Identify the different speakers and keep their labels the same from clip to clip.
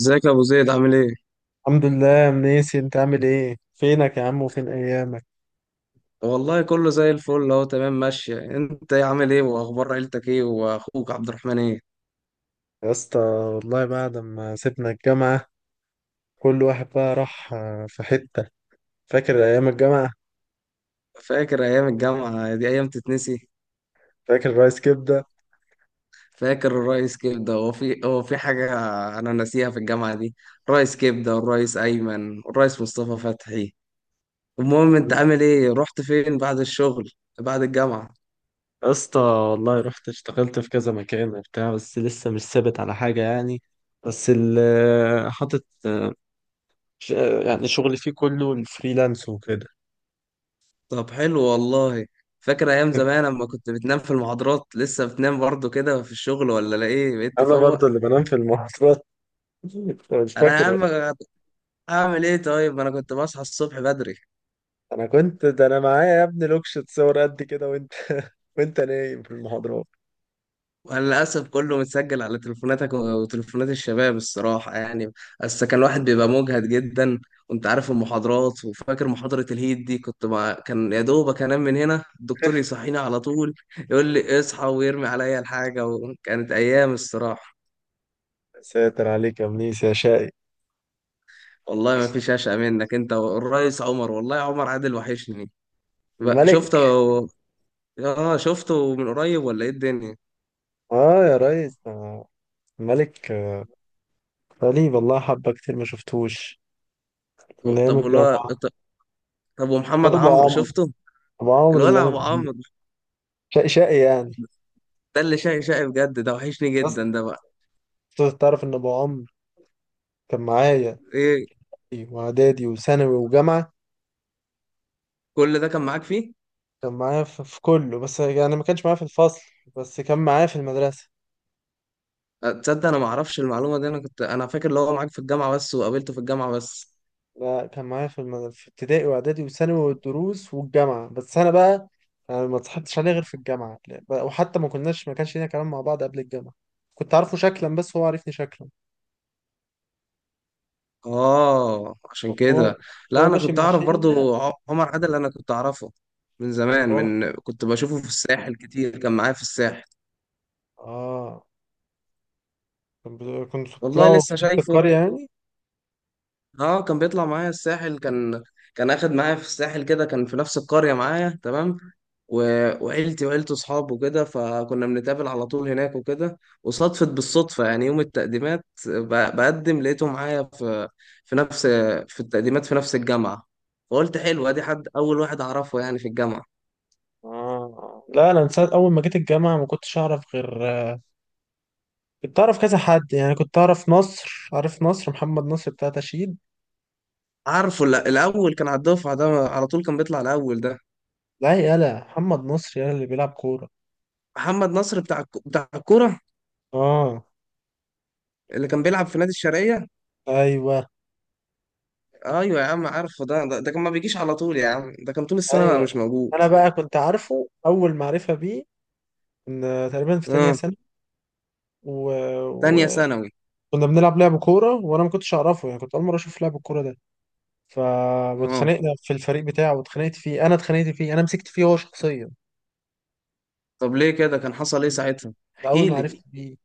Speaker 1: ازيك يا ابو زيد؟ عامل ايه؟
Speaker 2: الحمد لله يا منيسي، انت عامل ايه؟ فينك يا عم وفين ايامك؟
Speaker 1: والله كله زي الفل، اهو تمام ماشيه. انت ايه عامل ايه؟ واخبار عيلتك ايه؟ واخوك عبد الرحمن ايه؟
Speaker 2: يا اسطى والله بعد ما سيبنا الجامعة كل واحد بقى راح في حتة. فاكر ايام الجامعة؟
Speaker 1: فاكر ايام الجامعه؟ دي ايام تتنسي.
Speaker 2: فاكر رايس كبدة؟
Speaker 1: فاكر الرئيس كبده؟ هو في حاجه انا ناسيها في الجامعه دي؟ الرئيس كبده، والرئيس ايمن، والرئيس مصطفى فتحي. المهم انت عامل ايه؟ رحت فين بعد الشغل؟ بعد الجامعه؟
Speaker 2: يا اسطى والله رحت اشتغلت في كذا مكان وبتاع، بس لسه مش ثابت على حاجة يعني. بس اللي حاطط ش- يعني شغلي فيه كله الفريلانس وكده.
Speaker 1: طب حلو والله. فاكر ايام زمان لما كنت بتنام في المحاضرات؟ لسه بتنام برضه كده في الشغل ولا لا؟ ايه، بقيت
Speaker 2: انا
Speaker 1: تفوق؟
Speaker 2: برضه اللي بنام في المحاضرات. مش
Speaker 1: انا يا
Speaker 2: فاكر.
Speaker 1: عم اعمل ايه طيب؟ انا كنت بصحى الصبح بدري.
Speaker 2: انا كنت، ده انا معايا يا ابني لوكشة صور قد كده وانت وانت نايم في المحاضرات.
Speaker 1: وانا للاسف كله متسجل على تليفوناتك وتليفونات الشباب الصراحه يعني. بس كان الواحد بيبقى مجهد جدا، وانت عارف المحاضرات. وفاكر محاضره الهيد دي؟ كان يا دوبك انام من هنا الدكتور يصحيني على طول، يقول لي اصحى ويرمي عليا الحاجه. وكانت ايام الصراحه.
Speaker 2: ساتر عليك يا منيس يا شقي.
Speaker 1: والله ما فيش اشقى منك انت والريس عمر. والله يا عمر عادل وحشني. بقى شفته؟
Speaker 2: الملك.
Speaker 1: اه شفته من قريب ولا ايه الدنيا؟
Speaker 2: اه يا ريس، ده الملك. بقالي والله حبة كتير ما شفتوش، من ايام
Speaker 1: طب والله.
Speaker 2: الجامعة.
Speaker 1: طب
Speaker 2: ده
Speaker 1: ومحمد
Speaker 2: ابو
Speaker 1: عمرو
Speaker 2: عمرو.
Speaker 1: شفته؟
Speaker 2: ابو عمرو اللي
Speaker 1: الولع
Speaker 2: انا
Speaker 1: ابو عمرو.
Speaker 2: شقي شقي يعني.
Speaker 1: ده اللي شقي شقي بجد، ده وحشني
Speaker 2: بس
Speaker 1: جدا ده بقى.
Speaker 2: تعرف ان ابو عمرو كان معايا
Speaker 1: ايه؟
Speaker 2: واعدادي وثانوي وجامعة.
Speaker 1: كل ده كان معاك فيه؟
Speaker 2: كان معايا في كله، بس يعني ما كانش معايا في الفصل، بس كان معايا في المدرسة.
Speaker 1: تصدق انا ما اعرفش المعلومه دي؟ انا كنت انا فاكر اللي هو معاك في الجامعه بس، وقابلته في الجامعه بس.
Speaker 2: لا، كان معايا في في ابتدائي واعدادي وثانوي والدروس والجامعه. بس انا بقى انا ما اتصاحبتش عليه غير في الجامعه، لا، بقى- وحتى ما كناش، ما كانش لينا كلام مع بعض قبل الجامعه. كنت عارفه شكلا بس هو عارفني شكلا.
Speaker 1: اه عشان
Speaker 2: هو.
Speaker 1: كده. لا
Speaker 2: هو
Speaker 1: انا
Speaker 2: ماشي
Speaker 1: كنت
Speaker 2: مع
Speaker 1: اعرف
Speaker 2: شله.
Speaker 1: برضو عمر عادل، انا كنت اعرفه من زمان،
Speaker 2: والله.
Speaker 1: من كنت بشوفه في الساحل كتير، كان معايا في الساحل.
Speaker 2: اه، كان كنتوا
Speaker 1: والله
Speaker 2: بتطلعوا في
Speaker 1: لسه
Speaker 2: نفس
Speaker 1: شايفه.
Speaker 2: القريه يعني.
Speaker 1: اه كان بيطلع معايا الساحل، كان كان اخد معايا في الساحل كده، كان في نفس القرية معايا تمام. و... وعيلتي وعيلته اصحابه وكده، فكنا بنتقابل على طول هناك وكده. وصدفت بالصدفة يعني يوم بقدم لقيته معايا في في نفس في التقديمات في نفس الجامعة. فقلت حلو، ادي حد اول واحد اعرفه يعني في الجامعة.
Speaker 2: آه. لا، انا من ساعه اول ما جيت الجامعه ما كنتش اعرف غير، كنت اعرف كذا حد يعني. كنت اعرف نصر، عارف نصر؟ محمد نصر بتاع تشييد.
Speaker 1: عارفه. لا، الاول كان على الدفعة، ده على طول كان بيطلع الاول ده.
Speaker 2: لا، يالا محمد نصر، يالا اللي بيلعب كوره.
Speaker 1: محمد نصر بتاع بتاع الكورة،
Speaker 2: اه.
Speaker 1: اللي كان بيلعب في نادي الشرقية.
Speaker 2: ايوه.
Speaker 1: ايوه يا عم عارفه ده، ده كان ما بيجيش على طول يا عم، ده كان طول السنه مش
Speaker 2: ايوه،
Speaker 1: موجود.
Speaker 2: انا بقى كنت عارفه اول معرفه بيه ان تقريبا في تانية
Speaker 1: اه.
Speaker 2: سنه، و...
Speaker 1: تانية
Speaker 2: و...
Speaker 1: ثانوي.
Speaker 2: كنا بنلعب لعب كوره وانا ما كنتش اعرفه يعني، كنت اول مره اشوف لعب الكوره ده. ف
Speaker 1: اه.
Speaker 2: واتخانقنا في الفريق بتاعه، واتخانقت فيه انا، اتخانقت فيه انا، مسكت فيه هو شخصيا.
Speaker 1: طب ليه كده؟ كان حصل ايه ساعتها،
Speaker 2: ده اول
Speaker 1: احكي
Speaker 2: ما
Speaker 1: لي.
Speaker 2: عرفت بيه.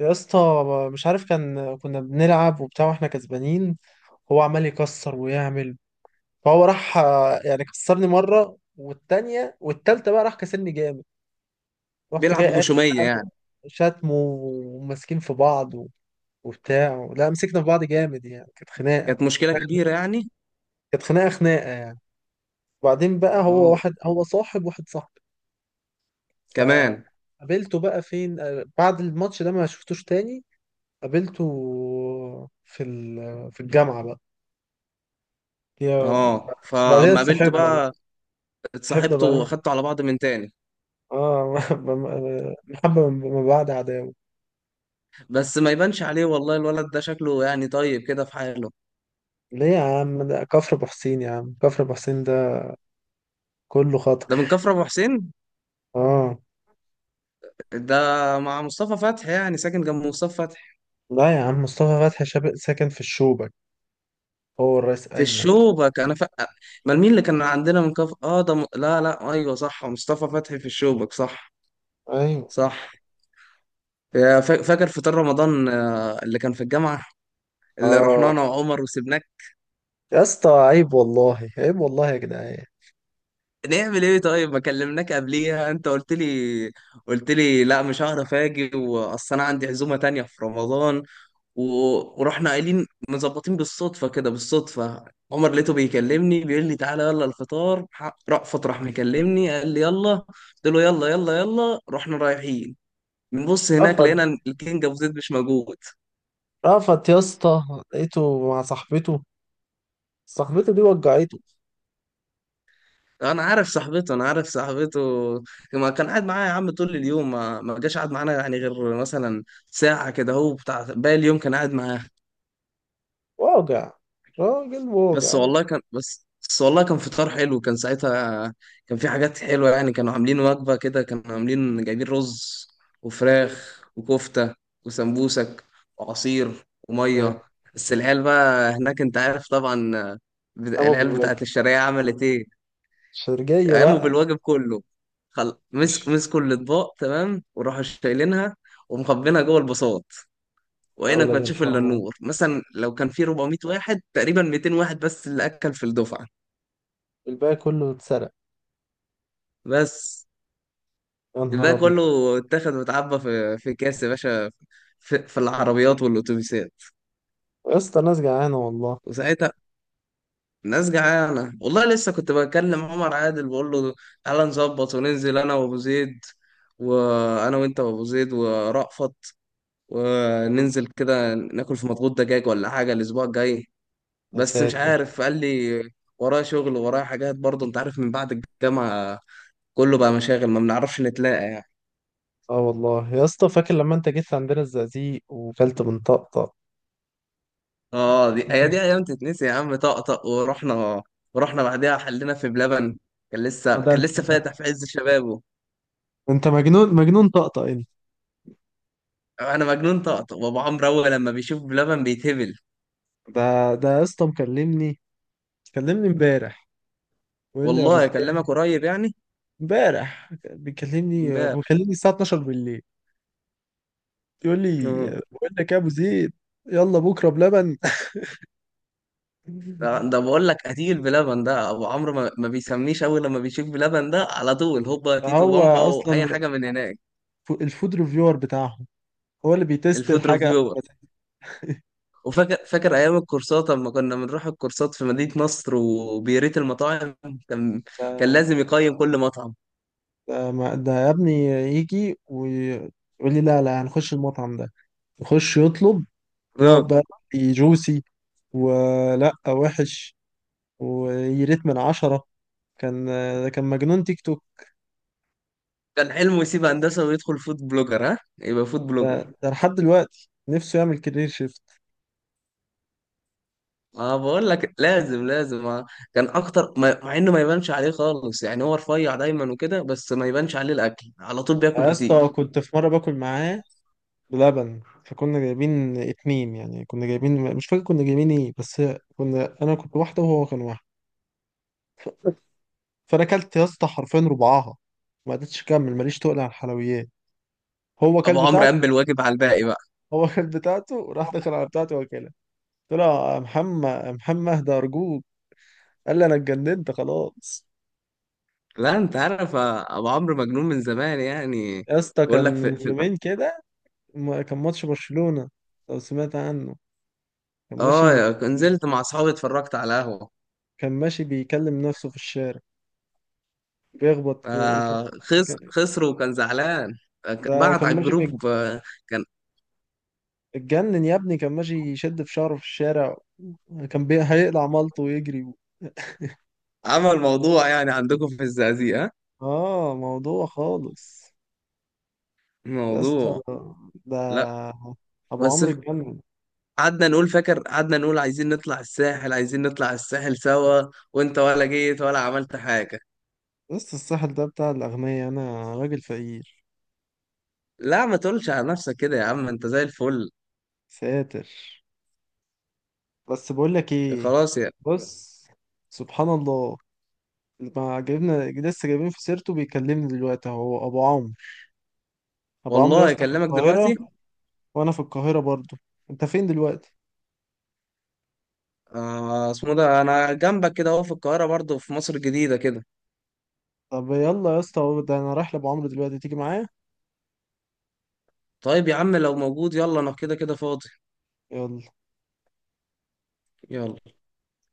Speaker 2: يا اسطى مش عارف، كان كنا بنلعب وبتاع واحنا كسبانين، هو عمال يكسر ويعمل. فهو راح يعني كسرني مره والتانية والتالتة، بقى راح كسرني جامد. رحت
Speaker 1: بيلعب
Speaker 2: جاي قايل
Speaker 1: بغشوميه
Speaker 2: بقى،
Speaker 1: يعني؟
Speaker 2: شتم وماسكين في بعض وبتاع. لا، مسكنا في بعض جامد يعني، كانت خناقة.
Speaker 1: كانت مشكله كبيره يعني.
Speaker 2: كانت خناقة خناقة يعني. وبعدين بقى هو
Speaker 1: اه.
Speaker 2: واحد، هو صاحب واحد صاحبي.
Speaker 1: كمان.
Speaker 2: فقابلته بقى فين بعد الماتش ده، ما شفتوش تاني. قابلته في في الجامعة بقى. يا،
Speaker 1: اه
Speaker 2: بعدين
Speaker 1: فاما قابلته
Speaker 2: اتصاحبنا بقى.
Speaker 1: بقى،
Speaker 2: صاحبنا
Speaker 1: اتصاحبته
Speaker 2: بقى.
Speaker 1: واخدته على بعض من تاني.
Speaker 2: اه محبة من بعد عداوة.
Speaker 1: بس ما يبانش عليه والله الولد ده، شكله يعني طيب كده في حاله.
Speaker 2: ليه يا عم؟ ده كفر ابو حسين يا عم، كفر ابو حسين ده كله خطر.
Speaker 1: ده من كفر ابو حسين؟
Speaker 2: اه.
Speaker 1: ده مع مصطفى فتحي يعني ساكن جنب مصطفى فتحي؟
Speaker 2: لا يا عم، مصطفى فتحي شاب ساكن في الشوبك، هو الرئيس
Speaker 1: في
Speaker 2: أيمن.
Speaker 1: الشوبك؟ ما مين اللي كان عندنا من كف اه ده م... لا لا ايوه صح، مصطفى فتحي في الشوبك، صح.
Speaker 2: أيوه.
Speaker 1: صح. يا فاكر فطار رمضان اللي كان في الجامعه، اللي رحنا
Speaker 2: آه.
Speaker 1: انا وعمر وسبناك؟
Speaker 2: يا اسطى عيب والله، عيب والله يا جدعان.
Speaker 1: نعمل ايه طيب؟ ما كلمناك قبليها، انت قلت لي، قلت لي لا مش هعرف اجي واصل، انا عندي عزومه تانية في رمضان. ورحنا قايلين مظبطين بالصدفة كده، بالصدفة. عمر لقيته بيكلمني بيقول لي تعالى يلا الفطار، رأفت راح مكلمني قال لي يلا، قلت له يلا يلا يلا، رحنا رايحين. بنبص هناك
Speaker 2: رفض.
Speaker 1: لقينا الكينج ابو زيد مش موجود.
Speaker 2: رفض يا اسطى. لقيته مع صاحبته. صاحبته دي وجعته.
Speaker 1: انا عارف صاحبته، انا عارف صاحبته. ما كان قاعد معايا يا عم طول اليوم، ما جاش قاعد معانا يعني غير مثلا ساعة كده، هو بتاع باقي اليوم كان قاعد معاها.
Speaker 2: واجع. راجل
Speaker 1: بس
Speaker 2: واجع والله.
Speaker 1: والله كان بس بس والله كان فطار حلو كان ساعتها، كان في حاجات حلوة يعني. كانوا عاملين وجبة كده، كانوا عاملين جايبين رز
Speaker 2: مم.
Speaker 1: وفراخ وكفتة وسمبوسك وعصير
Speaker 2: ساتر.
Speaker 1: ومية. بس العيال بقى هناك انت عارف طبعا،
Speaker 2: قاموا
Speaker 1: العيال
Speaker 2: بالواجب.
Speaker 1: بتاعت الشرقية عملت ايه؟
Speaker 2: شرجية
Speaker 1: قاموا
Speaker 2: بقى.
Speaker 1: بالواجب كله. خل... مسك
Speaker 2: مش.
Speaker 1: مسكوا الاطباق تمام، وراحوا شايلينها ومخبينها جوه البساط.
Speaker 2: يا
Speaker 1: وعينك ما
Speaker 2: ولاد
Speaker 1: تشوف الا
Speaker 2: الحرام،
Speaker 1: النور. مثلا لو كان في 400 واحد تقريبا، 200 واحد بس اللي اكل في الدفعة.
Speaker 2: الباقي كله اتسرق.
Speaker 1: بس
Speaker 2: يا
Speaker 1: ده
Speaker 2: نهار أبيض.
Speaker 1: كله اتاخد واتعبى في كاس يا باشا، في العربيات والاتوبيسات.
Speaker 2: يا اسطى ناس جعانة والله.
Speaker 1: وساعتها الناس جعانه والله. لسه كنت بكلم عمر عادل بقول له تعالى نظبط وننزل انا وابو زيد، وانا وانت وابو زيد ورأفت، وننزل كده ناكل في مضغوط دجاج ولا حاجه الاسبوع الجاي.
Speaker 2: يا
Speaker 1: بس مش
Speaker 2: ساتر.
Speaker 1: عارف، قال لي ورايا شغل ورايا حاجات، برضه انت عارف، من بعد الجامعه كله بقى مشاغل، ما بنعرفش نتلاقى يعني.
Speaker 2: اه والله يا اسطى، فاكر لما انت جيت عندنا الزقازيق وكلت من طقطق؟
Speaker 1: اه دي، هي دي ايام تتنسي يا عم. طقطق ورحنا، ورحنا بعدها حلينا في بلبن، كان
Speaker 2: اه
Speaker 1: لسه
Speaker 2: ده
Speaker 1: كان
Speaker 2: انت،
Speaker 1: لسه
Speaker 2: انت،
Speaker 1: فاتح في عز شبابه.
Speaker 2: انت مجنون، مجنون طقطق انت.
Speaker 1: انا مجنون طقطق، وابو عمرو اول لما بيشوف بلبن بيتهبل.
Speaker 2: ده ده يا اسطى مكلمني، كلمني امبارح، بيقول لي يا ابو
Speaker 1: والله اكلمك
Speaker 2: زياد.
Speaker 1: قريب يعني.
Speaker 2: امبارح بيكلمني،
Speaker 1: امبارح.
Speaker 2: بيكلمني الساعه 12 بالليل، يقول لي،
Speaker 1: آه.
Speaker 2: بقول لك يا ابو زيد، يلا بكره بلبن.
Speaker 1: ده ده بقول لك قتيل بلبن ده ابو عمرو، ما بيسميش اول لما بيشوف بلبن ده على طول، هوبا تيتو
Speaker 2: هو
Speaker 1: بامبا واي
Speaker 2: اصلا
Speaker 1: حاجه من هناك.
Speaker 2: الفود ريفيور بتاعهم، هو اللي بيتست
Speaker 1: الفود
Speaker 2: الحاجه قبل
Speaker 1: ريفيور.
Speaker 2: ما تنزل.
Speaker 1: وفاكر، فاكر ايام الكورسات لما كنا بنروح الكورسات في مدينة نصر وبيريت المطاعم، كان كان
Speaker 2: ده
Speaker 1: لازم يقيم كل مطعم.
Speaker 2: ده ده يا ابني يجي ويقول لي لا لا، هنخش المطعم ده. يخش يطلب، يقعد
Speaker 1: اه.
Speaker 2: بقى، جوسي ولا وحش، ويريت من عشرة. كان، ده كان مجنون تيك توك.
Speaker 1: كان حلمه يسيب هندسة ويدخل فود بلوجر. ها يبقى فود
Speaker 2: ده,
Speaker 1: بلوجر؟
Speaker 2: ده لحد دلوقتي نفسه يعمل كارير شيفت.
Speaker 1: اه بقول لك لازم لازم كان اكتر مع انه ما يبانش عليه خالص يعني، هو رفيع دايما وكده، بس ما يبانش عليه الاكل، على طول بياكل
Speaker 2: يا اسطى
Speaker 1: كتير.
Speaker 2: كنت في مرة باكل معاه بلبن، فكنا جايبين اتنين يعني، كنا جايبين مش فاكر كنا جايبين ايه، بس كنا، انا كنت واحدة وهو كان واحد. ف- فانا اكلت يا اسطى حرفيا ربعاها، ما قدرتش اكمل، ماليش تقل على الحلويات. هو كل
Speaker 1: ابو عمرو
Speaker 2: بتاعته.
Speaker 1: قام بالواجب على الباقي بقى.
Speaker 2: هو كل بتاعته وراح دخل على بتاعته واكلها. قلت له يا محمد يا محمد اهدى ارجوك، قال لي انا اتجننت خلاص.
Speaker 1: لا انت عارف ابو عمرو مجنون من زمان يعني.
Speaker 2: يا اسطى
Speaker 1: بقول
Speaker 2: كان
Speaker 1: لك في,
Speaker 2: من
Speaker 1: في
Speaker 2: يومين كده، كان ماتش برشلونة، لو سمعت عنه. كان ماشي.
Speaker 1: اه نزلت مع اصحابي اتفرجت على قهوة.
Speaker 2: كان ماشي بيكلم نفسه في الشارع، بيخبط، كان...
Speaker 1: آه خس،
Speaker 2: كان...
Speaker 1: خسر وكان زعلان.
Speaker 2: ده
Speaker 1: بعت
Speaker 2: كان
Speaker 1: على
Speaker 2: ماشي
Speaker 1: الجروب. كان.
Speaker 2: اتجنن يا ابني، كان ماشي يشد في شعره في الشارع، كان بي... هيقلع مالته ويجري.
Speaker 1: عمل موضوع يعني عندكم في الزقازيق؟ ها
Speaker 2: اه، موضوع خالص. يا اسطى
Speaker 1: موضوع.
Speaker 2: ده
Speaker 1: لا
Speaker 2: ابو
Speaker 1: بس
Speaker 2: عمرو اتجنن.
Speaker 1: قعدنا نقول، فاكر قعدنا نقول عايزين نطلع الساحل، عايزين نطلع الساحل سوا، وانت ولا جيت ولا عملت حاجة.
Speaker 2: بس الساحل ده بتاع الاغنياء، انا راجل فقير.
Speaker 1: لا ما تقولش على نفسك كده يا عم، انت زي الفل.
Speaker 2: ساتر. بس بقول لك ايه،
Speaker 1: خلاص يا.
Speaker 2: بص، سبحان الله، ما جبنا لسه جايبين في سيرته بيكلمني دلوقتي اهو ابو عمرو. ابو عمرو يا
Speaker 1: والله
Speaker 2: اسطى في
Speaker 1: اكلمك
Speaker 2: القاهرة،
Speaker 1: دلوقتي.
Speaker 2: وانا في القاهرة برضو. انت فين دلوقتي؟
Speaker 1: آه اسمه ده انا جنبك كده اهو، في القاهرة برضه، في مصر الجديدة كده.
Speaker 2: طب يلا يا اسطى، ده انا رايح لابو عمرو دلوقتي، تيجي معايا؟
Speaker 1: طيب يا عم لو موجود يلا، انا كده كده فاضي.
Speaker 2: يلا.
Speaker 1: يلا.